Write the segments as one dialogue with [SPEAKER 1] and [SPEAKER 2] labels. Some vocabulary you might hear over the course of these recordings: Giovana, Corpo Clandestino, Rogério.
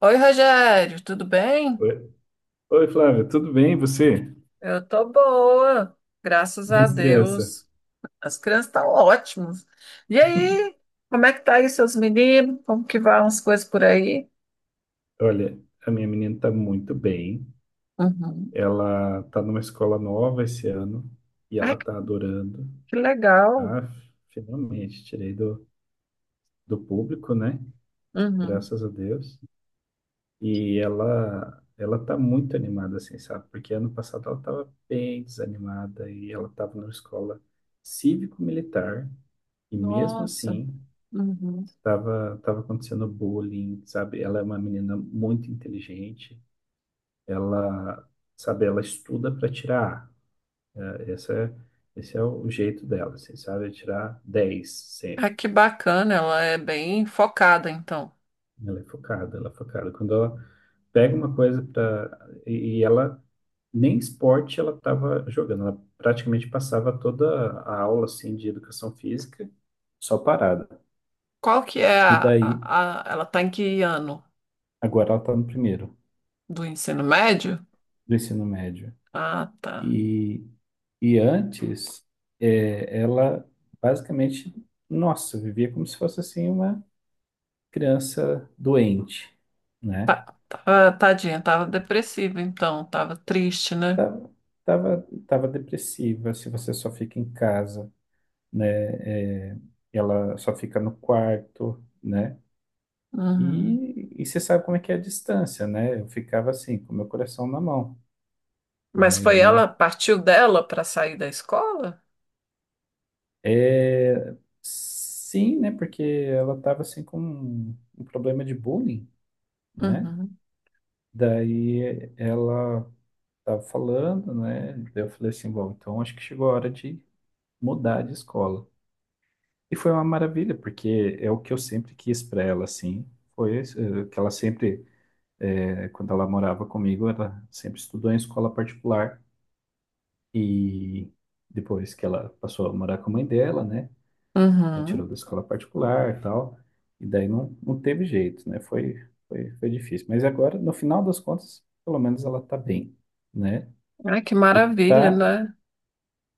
[SPEAKER 1] Oi, Rogério, tudo bem?
[SPEAKER 2] Oi, Oi, Flávia, tudo bem? E você?
[SPEAKER 1] Eu tô boa, graças a
[SPEAKER 2] Minhas crianças.
[SPEAKER 1] Deus. As crianças estão ótimas. E aí, como é que tá aí seus meninos? Como que vão as coisas por aí?
[SPEAKER 2] Olha, a minha menina está muito bem.
[SPEAKER 1] Uhum.
[SPEAKER 2] Ela está numa escola nova esse ano e ela
[SPEAKER 1] Ai, que
[SPEAKER 2] está adorando.
[SPEAKER 1] que legal.
[SPEAKER 2] Ah, finalmente tirei do público, né?
[SPEAKER 1] Uhum.
[SPEAKER 2] Graças a Deus. E ela está muito animada, assim, sabe? Porque ano passado ela estava bem desanimada e ela estava numa escola cívico-militar e mesmo
[SPEAKER 1] Nossa.
[SPEAKER 2] assim
[SPEAKER 1] Uhum.
[SPEAKER 2] tava acontecendo bullying, sabe? Ela é uma menina muito inteligente, ela, sabe, ela estuda para tirar A. Esse é o jeito dela, assim, sabe? É tirar 10 sempre.
[SPEAKER 1] Ai, que bacana, ela é bem focada, então.
[SPEAKER 2] Ela é focada, ela é focada. Quando ela pega uma coisa para e ela nem esporte ela estava jogando, ela praticamente passava toda a aula assim de educação física só parada.
[SPEAKER 1] Qual que é
[SPEAKER 2] E daí,
[SPEAKER 1] a- Ela tá em que ano
[SPEAKER 2] agora ela está no primeiro
[SPEAKER 1] do ensino médio?
[SPEAKER 2] do ensino médio.
[SPEAKER 1] Ah, tá.
[SPEAKER 2] E E antes, ela basicamente, nossa, vivia como se fosse assim uma criança doente, né?
[SPEAKER 1] Tá, tá, tadinha, tava depressiva, então, tava triste, né?
[SPEAKER 2] Tava, tava depressiva, se você só fica em casa, né? É, ela só fica no quarto, né?
[SPEAKER 1] Uhum.
[SPEAKER 2] E você sabe como é que é a distância, né? Eu ficava assim, com meu coração na mão,
[SPEAKER 1] Mas
[SPEAKER 2] né? Eu
[SPEAKER 1] foi ela,
[SPEAKER 2] não.
[SPEAKER 1] partiu dela para sair da escola?
[SPEAKER 2] É, sim, né? Porque ela tava assim com um problema de bullying, né?
[SPEAKER 1] Uhum.
[SPEAKER 2] Daí ela estava falando, né? Daí eu falei assim, bom, então acho que chegou a hora de mudar de escola. E foi uma maravilha, porque é o que eu sempre quis para ela, assim. Foi esse, que ela sempre, quando ela morava comigo, ela sempre estudou em escola particular. E depois que ela passou a morar com a mãe dela, né? Ela tirou
[SPEAKER 1] Uhum.
[SPEAKER 2] da escola particular e tal. E daí não, não teve jeito, né? Foi difícil. Mas agora, no final das contas, pelo menos ela está bem, né?
[SPEAKER 1] Ai, que
[SPEAKER 2] E
[SPEAKER 1] maravilha,
[SPEAKER 2] tá,
[SPEAKER 1] né?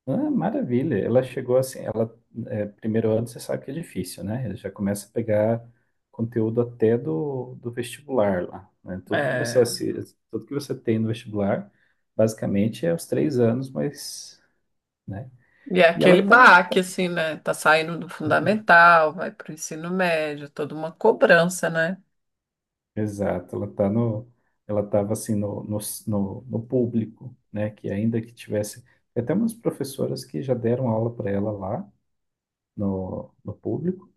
[SPEAKER 2] maravilha. Ela chegou assim, ela é, primeiro ano você sabe que é difícil, né? Ela já começa a pegar conteúdo até do vestibular lá, né? Tudo que você
[SPEAKER 1] É,
[SPEAKER 2] assi- tudo que você tem no vestibular, basicamente é os 3 anos, mas, né?
[SPEAKER 1] e é
[SPEAKER 2] E ela
[SPEAKER 1] aquele baque,
[SPEAKER 2] tá-
[SPEAKER 1] assim, né? Tá saindo do fundamental, vai para o ensino médio, toda uma cobrança, né?
[SPEAKER 2] exato, ela ela tava assim no público, né? Que ainda que tivesse, tem até umas professoras que já deram aula para ela lá no público.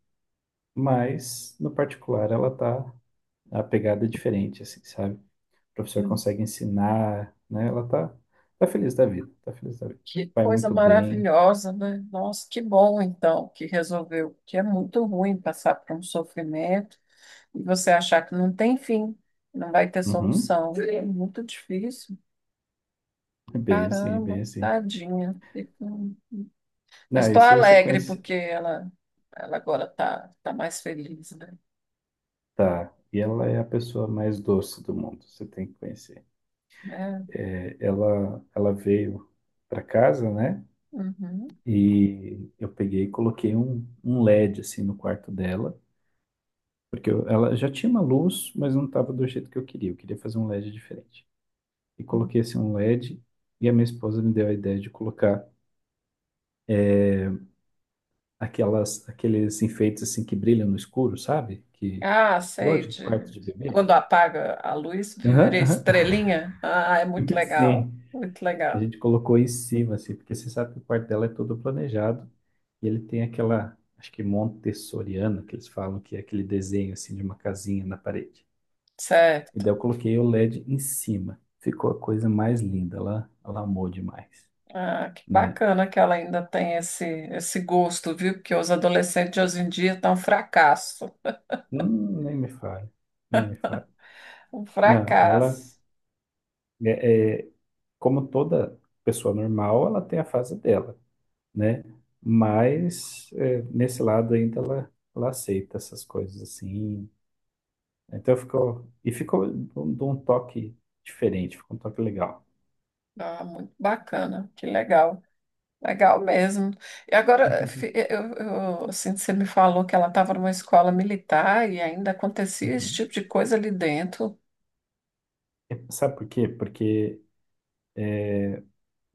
[SPEAKER 2] Mas, no particular, ela tá a pegada é diferente, assim, sabe? O professor
[SPEAKER 1] Hum.
[SPEAKER 2] consegue ensinar, né? Ela tá feliz da vida, tá feliz da vida.
[SPEAKER 1] Que
[SPEAKER 2] Vai
[SPEAKER 1] coisa
[SPEAKER 2] muito bem.
[SPEAKER 1] maravilhosa, né? Nossa, que bom então que resolveu, que é muito ruim passar por um sofrimento e você achar que não tem fim, não vai ter
[SPEAKER 2] Uhum.
[SPEAKER 1] solução. É muito difícil.
[SPEAKER 2] É bem assim, é bem
[SPEAKER 1] Caramba,
[SPEAKER 2] assim.
[SPEAKER 1] tadinha. Mas
[SPEAKER 2] Não, e
[SPEAKER 1] estou
[SPEAKER 2] se você
[SPEAKER 1] alegre
[SPEAKER 2] conhecer.
[SPEAKER 1] porque ela agora está tá tá mais feliz, né?
[SPEAKER 2] Tá, e ela é a pessoa mais doce do mundo, você tem que conhecer.
[SPEAKER 1] Né?
[SPEAKER 2] É, ela veio para casa, né?
[SPEAKER 1] Uhum.
[SPEAKER 2] E eu peguei e coloquei um LED, assim, no quarto dela. Porque ela já tinha uma luz, mas não estava do jeito que eu queria. Eu queria fazer um LED diferente. E
[SPEAKER 1] Uhum.
[SPEAKER 2] coloquei assim um LED e D, e a minha esposa me deu a ideia de colocar aquelas aqueles enfeites assim que brilham no escuro, sabe? Que
[SPEAKER 1] Ah,
[SPEAKER 2] igual
[SPEAKER 1] sei,
[SPEAKER 2] de quarto
[SPEAKER 1] de
[SPEAKER 2] de bebê.
[SPEAKER 1] quando apaga a luz, vira
[SPEAKER 2] Aham, aham.
[SPEAKER 1] estrelinha. Ah, é muito legal,
[SPEAKER 2] Sim,
[SPEAKER 1] muito
[SPEAKER 2] a
[SPEAKER 1] legal.
[SPEAKER 2] gente colocou em cima assim, porque você sabe que o quarto dela é todo planejado e ele tem aquela acho que montessoriana que eles falam que é aquele desenho assim de uma casinha na parede. E
[SPEAKER 1] Certo.
[SPEAKER 2] daí eu coloquei o LED em cima. Ficou a coisa mais linda, ela amou demais,
[SPEAKER 1] Ah, que
[SPEAKER 2] né?
[SPEAKER 1] bacana que ela ainda tem esse gosto, viu? Porque os adolescentes de hoje em dia estão um fracasso.
[SPEAKER 2] Nem me fale, nem me fale.
[SPEAKER 1] Um
[SPEAKER 2] Não, ela
[SPEAKER 1] fracasso.
[SPEAKER 2] é como toda pessoa normal, ela tem a fase dela, né? Mas é, nesse lado ainda ela aceita essas coisas assim. Então ficou e ficou de um toque diferente, ficou um toque legal.
[SPEAKER 1] Ah, muito bacana, que legal. Legal mesmo. E agora, assim, você me falou que ela estava numa escola militar e ainda acontecia esse
[SPEAKER 2] Uhum.
[SPEAKER 1] tipo de coisa ali dentro.
[SPEAKER 2] É. Sabe por quê? Porque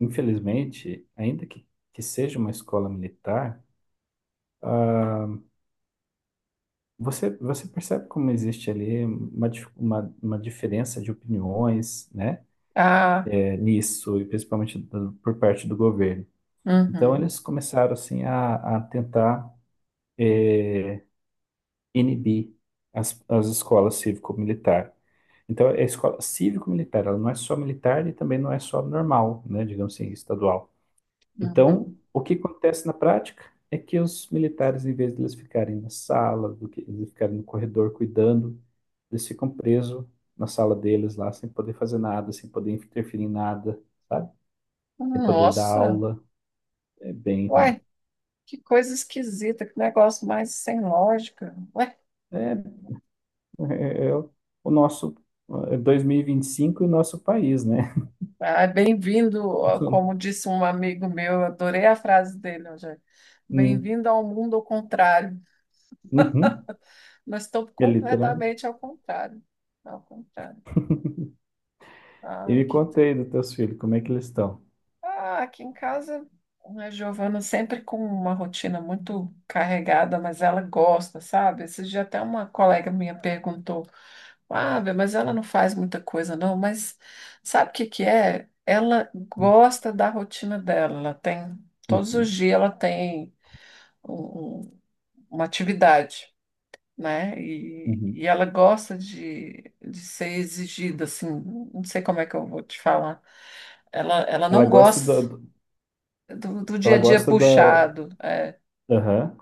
[SPEAKER 2] infelizmente, ainda que seja uma escola militar, você percebe como existe ali uma diferença de opiniões, né?
[SPEAKER 1] Ah,
[SPEAKER 2] Nisso, e principalmente por parte do governo. Então,
[SPEAKER 1] uhum,
[SPEAKER 2] eles começaram assim a tentar inibir as escolas cívico-militar. Então, a escola cívico-militar, ela não é só militar e também não é só normal, né, digamos assim, estadual. Então,
[SPEAKER 1] uhum.
[SPEAKER 2] o que acontece na prática é que os militares, em vez de eles ficarem na sala, do que eles ficarem no corredor cuidando, eles ficam presos na sala deles lá, sem poder fazer nada, sem poder interferir em nada, sabe? Sem poder dar
[SPEAKER 1] Nossa,
[SPEAKER 2] aula. É bem ruim.
[SPEAKER 1] ué, que coisa esquisita, que negócio mais sem lógica. Ué,
[SPEAKER 2] É, é o nosso é 2025 e vinte e cinco e nosso país, né?
[SPEAKER 1] ah, bem-vindo, ó, como disse um amigo meu, eu adorei a frase dele hoje.
[SPEAKER 2] Hum.
[SPEAKER 1] Bem-vindo ao mundo ao contrário.
[SPEAKER 2] Uhum.
[SPEAKER 1] Mas estou
[SPEAKER 2] É literalmente.
[SPEAKER 1] completamente ao contrário. Ao contrário.
[SPEAKER 2] E
[SPEAKER 1] Ah,
[SPEAKER 2] me
[SPEAKER 1] aqui,
[SPEAKER 2] conta aí dos teus filhos, como é que eles estão?
[SPEAKER 1] ah, aqui em casa, a Giovana sempre com uma rotina muito carregada, mas ela gosta, sabe? Esse dia até uma colega minha perguntou: ah, Bê, mas ela não faz muita coisa, não, mas sabe o que que é? Ela gosta da rotina dela, ela tem, todos os
[SPEAKER 2] Uhum,
[SPEAKER 1] dias ela tem um- um- uma atividade. Né? E,
[SPEAKER 2] uhum.
[SPEAKER 1] e ela gosta de ser exigida, assim, não sei como é que eu vou te falar. Ela
[SPEAKER 2] Ela
[SPEAKER 1] não
[SPEAKER 2] gosta da,
[SPEAKER 1] gosta
[SPEAKER 2] do-
[SPEAKER 1] do dia
[SPEAKER 2] ela
[SPEAKER 1] a dia
[SPEAKER 2] gosta da,
[SPEAKER 1] puxado, é.
[SPEAKER 2] Aham,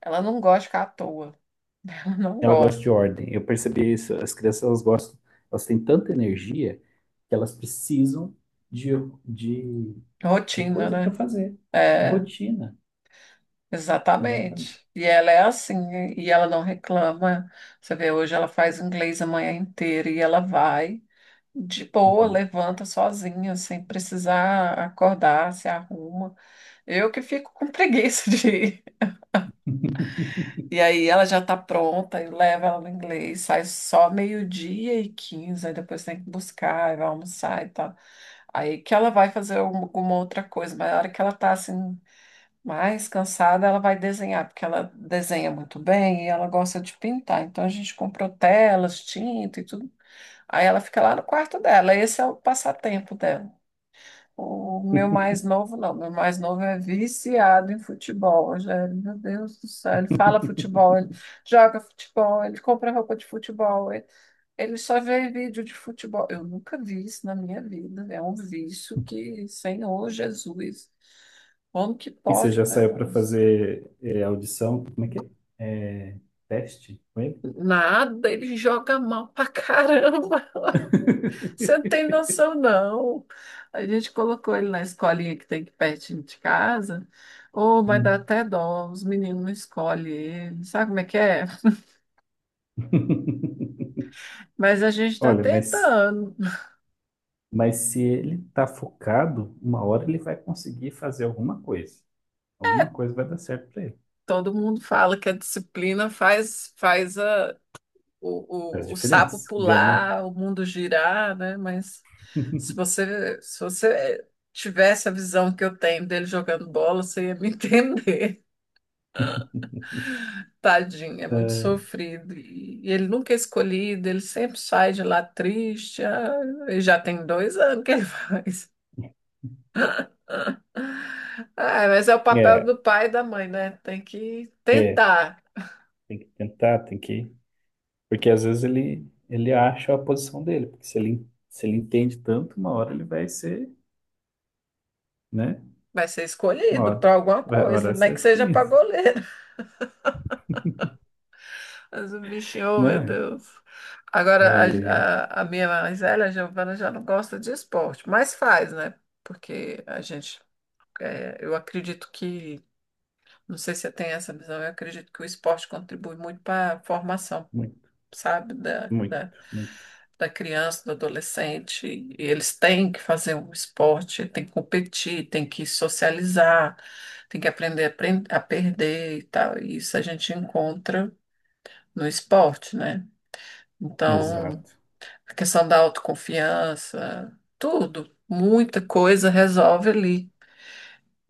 [SPEAKER 1] Ela não gosta de ficar à toa, ela não
[SPEAKER 2] ela gosta de
[SPEAKER 1] gosta.
[SPEAKER 2] ordem. Eu percebi isso. As crianças, elas gostam, elas têm tanta energia que elas precisam de, de de
[SPEAKER 1] Rotina,
[SPEAKER 2] coisa para
[SPEAKER 1] né?
[SPEAKER 2] fazer, de
[SPEAKER 1] É,
[SPEAKER 2] rotina, exatamente.
[SPEAKER 1] exatamente. E ela é assim, e ela não reclama. Você vê, hoje ela faz inglês a manhã inteira e ela vai de boa,
[SPEAKER 2] Uhum.
[SPEAKER 1] levanta sozinha, sem precisar acordar, se arruma. Eu que fico com preguiça de ir. E aí ela já tá pronta, eu levo ela no inglês, sai só meio-dia e quinze, aí depois tem que buscar, aí vai almoçar e tal. Aí que ela vai fazer um, alguma outra coisa, mas na hora que ela tá assim, mais cansada, ela vai desenhar, porque ela desenha muito bem e ela gosta de pintar. Então a gente comprou telas, tinta e tudo. Aí ela fica lá no quarto dela, esse é o passatempo dela. O meu mais novo, não. Meu mais novo é viciado em futebol, Rogério. Meu Deus do céu. Ele fala futebol, ele joga futebol, ele compra roupa de futebol. Ele só vê vídeo de futebol. Eu nunca vi isso na minha vida. É um vício que, Senhor Jesus, como que
[SPEAKER 2] E você
[SPEAKER 1] pode
[SPEAKER 2] já
[SPEAKER 1] um
[SPEAKER 2] saiu para
[SPEAKER 1] negócio?
[SPEAKER 2] fazer audição? Como é que é? É, teste com ele?
[SPEAKER 1] Nada, ele joga mal pra caramba. Você não tem noção, não. A gente colocou ele na escolinha que tem aqui pertinho de casa. Oh, mas dá
[SPEAKER 2] Hum.
[SPEAKER 1] até dó, os meninos não escolhem ele. Sabe como é que é? Mas a gente está
[SPEAKER 2] Olha, mas,
[SPEAKER 1] tentando.
[SPEAKER 2] mas se ele está focado, uma hora ele vai conseguir fazer alguma coisa. Alguma coisa vai dar certo para ele.
[SPEAKER 1] Todo mundo fala que a disciplina faz, faz
[SPEAKER 2] Faz
[SPEAKER 1] o sapo
[SPEAKER 2] diferença, ganha.
[SPEAKER 1] pular, o mundo girar, né? Mas se você tivesse a visão que eu tenho dele jogando bola, você ia me entender. Tadinho, é muito sofrido. E ele nunca é escolhido, ele sempre sai de lá triste. Ah, e já tem dois anos que ele faz. Ah, mas é o papel
[SPEAKER 2] É,
[SPEAKER 1] do pai e da mãe, né? Tem que
[SPEAKER 2] é
[SPEAKER 1] tentar.
[SPEAKER 2] tem que tentar, tem que Porque às vezes ele acha a posição dele, porque se ele entende tanto, uma hora ele vai ser, né?
[SPEAKER 1] Vai ser
[SPEAKER 2] Uma
[SPEAKER 1] escolhido
[SPEAKER 2] hora,
[SPEAKER 1] para alguma
[SPEAKER 2] uma hora
[SPEAKER 1] coisa,
[SPEAKER 2] vai
[SPEAKER 1] nem
[SPEAKER 2] ser
[SPEAKER 1] que seja para
[SPEAKER 2] escolhido,
[SPEAKER 1] goleiro. Mas o bichinho, oh, meu
[SPEAKER 2] né?
[SPEAKER 1] Deus. Agora,
[SPEAKER 2] Aí é
[SPEAKER 1] a minha mais velha, a Giovana, já não gosta de esporte, mas faz, né? Porque a gente, é, eu acredito que. Não sei se você tem essa visão. Eu acredito que o esporte contribui muito para a formação,
[SPEAKER 2] muito,
[SPEAKER 1] sabe,
[SPEAKER 2] muito, muito.
[SPEAKER 1] da criança, do adolescente. E eles têm que fazer um esporte, têm que competir, têm que socializar, têm que aprender a perder e tal. E isso a gente encontra no esporte, né? Então,
[SPEAKER 2] Exato.
[SPEAKER 1] a questão da autoconfiança, tudo, muita coisa resolve ali.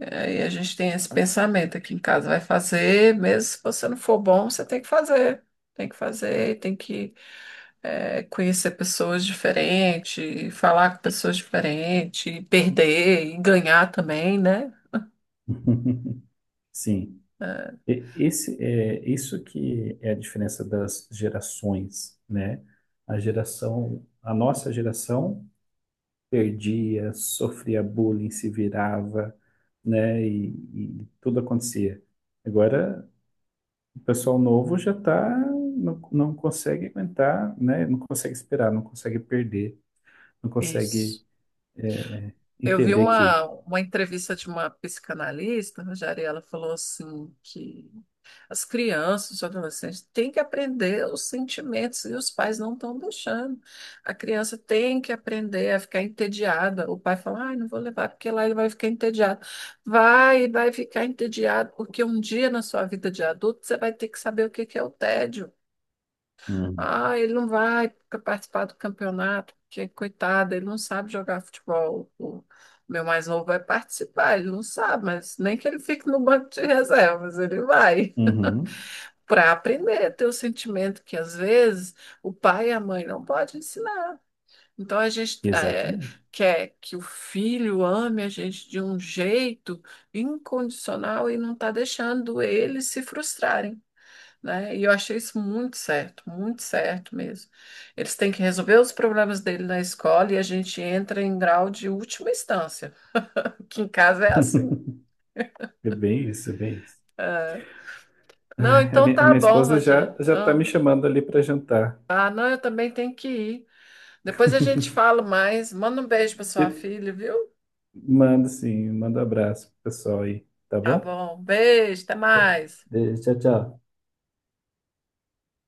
[SPEAKER 1] Aí a gente tem esse pensamento aqui em casa, vai fazer, mesmo se você não for bom, você tem que fazer. Tem que fazer, tem que conhecer pessoas diferentes, falar com pessoas diferentes, e perder e ganhar também, né?
[SPEAKER 2] Sim. Esse é isso que é a diferença das gerações, né? A nossa geração perdia, sofria bullying, se virava, né? E tudo acontecia. Agora, o pessoal novo já tá, não, não consegue aguentar, né? Não consegue esperar, não consegue perder, não consegue
[SPEAKER 1] Isso.
[SPEAKER 2] é,
[SPEAKER 1] Eu vi
[SPEAKER 2] entender que.
[SPEAKER 1] uma entrevista de uma psicanalista, Rogério, e ela falou assim que as crianças, os adolescentes têm que aprender os sentimentos e os pais não estão deixando. A criança tem que aprender a ficar entediada. O pai fala: ai, não vou levar porque lá ele vai ficar entediado. Vai ficar entediado, porque um dia na sua vida de adulto você vai ter que saber o que que é o tédio.
[SPEAKER 2] Uhum.
[SPEAKER 1] Ah, ele não vai participar do campeonato, porque coitado, ele não sabe jogar futebol. O meu mais novo vai participar, ele não sabe, mas nem que ele fique no banco de reservas, ele vai
[SPEAKER 2] Uhum.
[SPEAKER 1] para aprender a ter o sentimento que às vezes o pai e a mãe não podem ensinar. Então a gente
[SPEAKER 2] Exatamente.
[SPEAKER 1] quer que o filho ame a gente de um jeito incondicional e não está deixando eles se frustrarem. Né? E eu achei isso muito certo mesmo. Eles têm que resolver os problemas dele na escola e a gente entra em grau de última instância, que em casa é assim.
[SPEAKER 2] É bem isso, é bem isso.
[SPEAKER 1] Não,
[SPEAKER 2] A
[SPEAKER 1] então
[SPEAKER 2] minha, a
[SPEAKER 1] tá
[SPEAKER 2] minha
[SPEAKER 1] bom,
[SPEAKER 2] esposa já,
[SPEAKER 1] Rogério.
[SPEAKER 2] já tá me
[SPEAKER 1] Ah,
[SPEAKER 2] chamando ali para jantar.
[SPEAKER 1] ah, não, eu também tenho que ir. Depois a gente fala mais. Manda um beijo para sua
[SPEAKER 2] Eu
[SPEAKER 1] filha, viu?
[SPEAKER 2] mando sim, mando abraço pro pessoal aí, tá
[SPEAKER 1] Tá
[SPEAKER 2] bom?
[SPEAKER 1] bom. Beijo, até mais.
[SPEAKER 2] Tchau, tchau.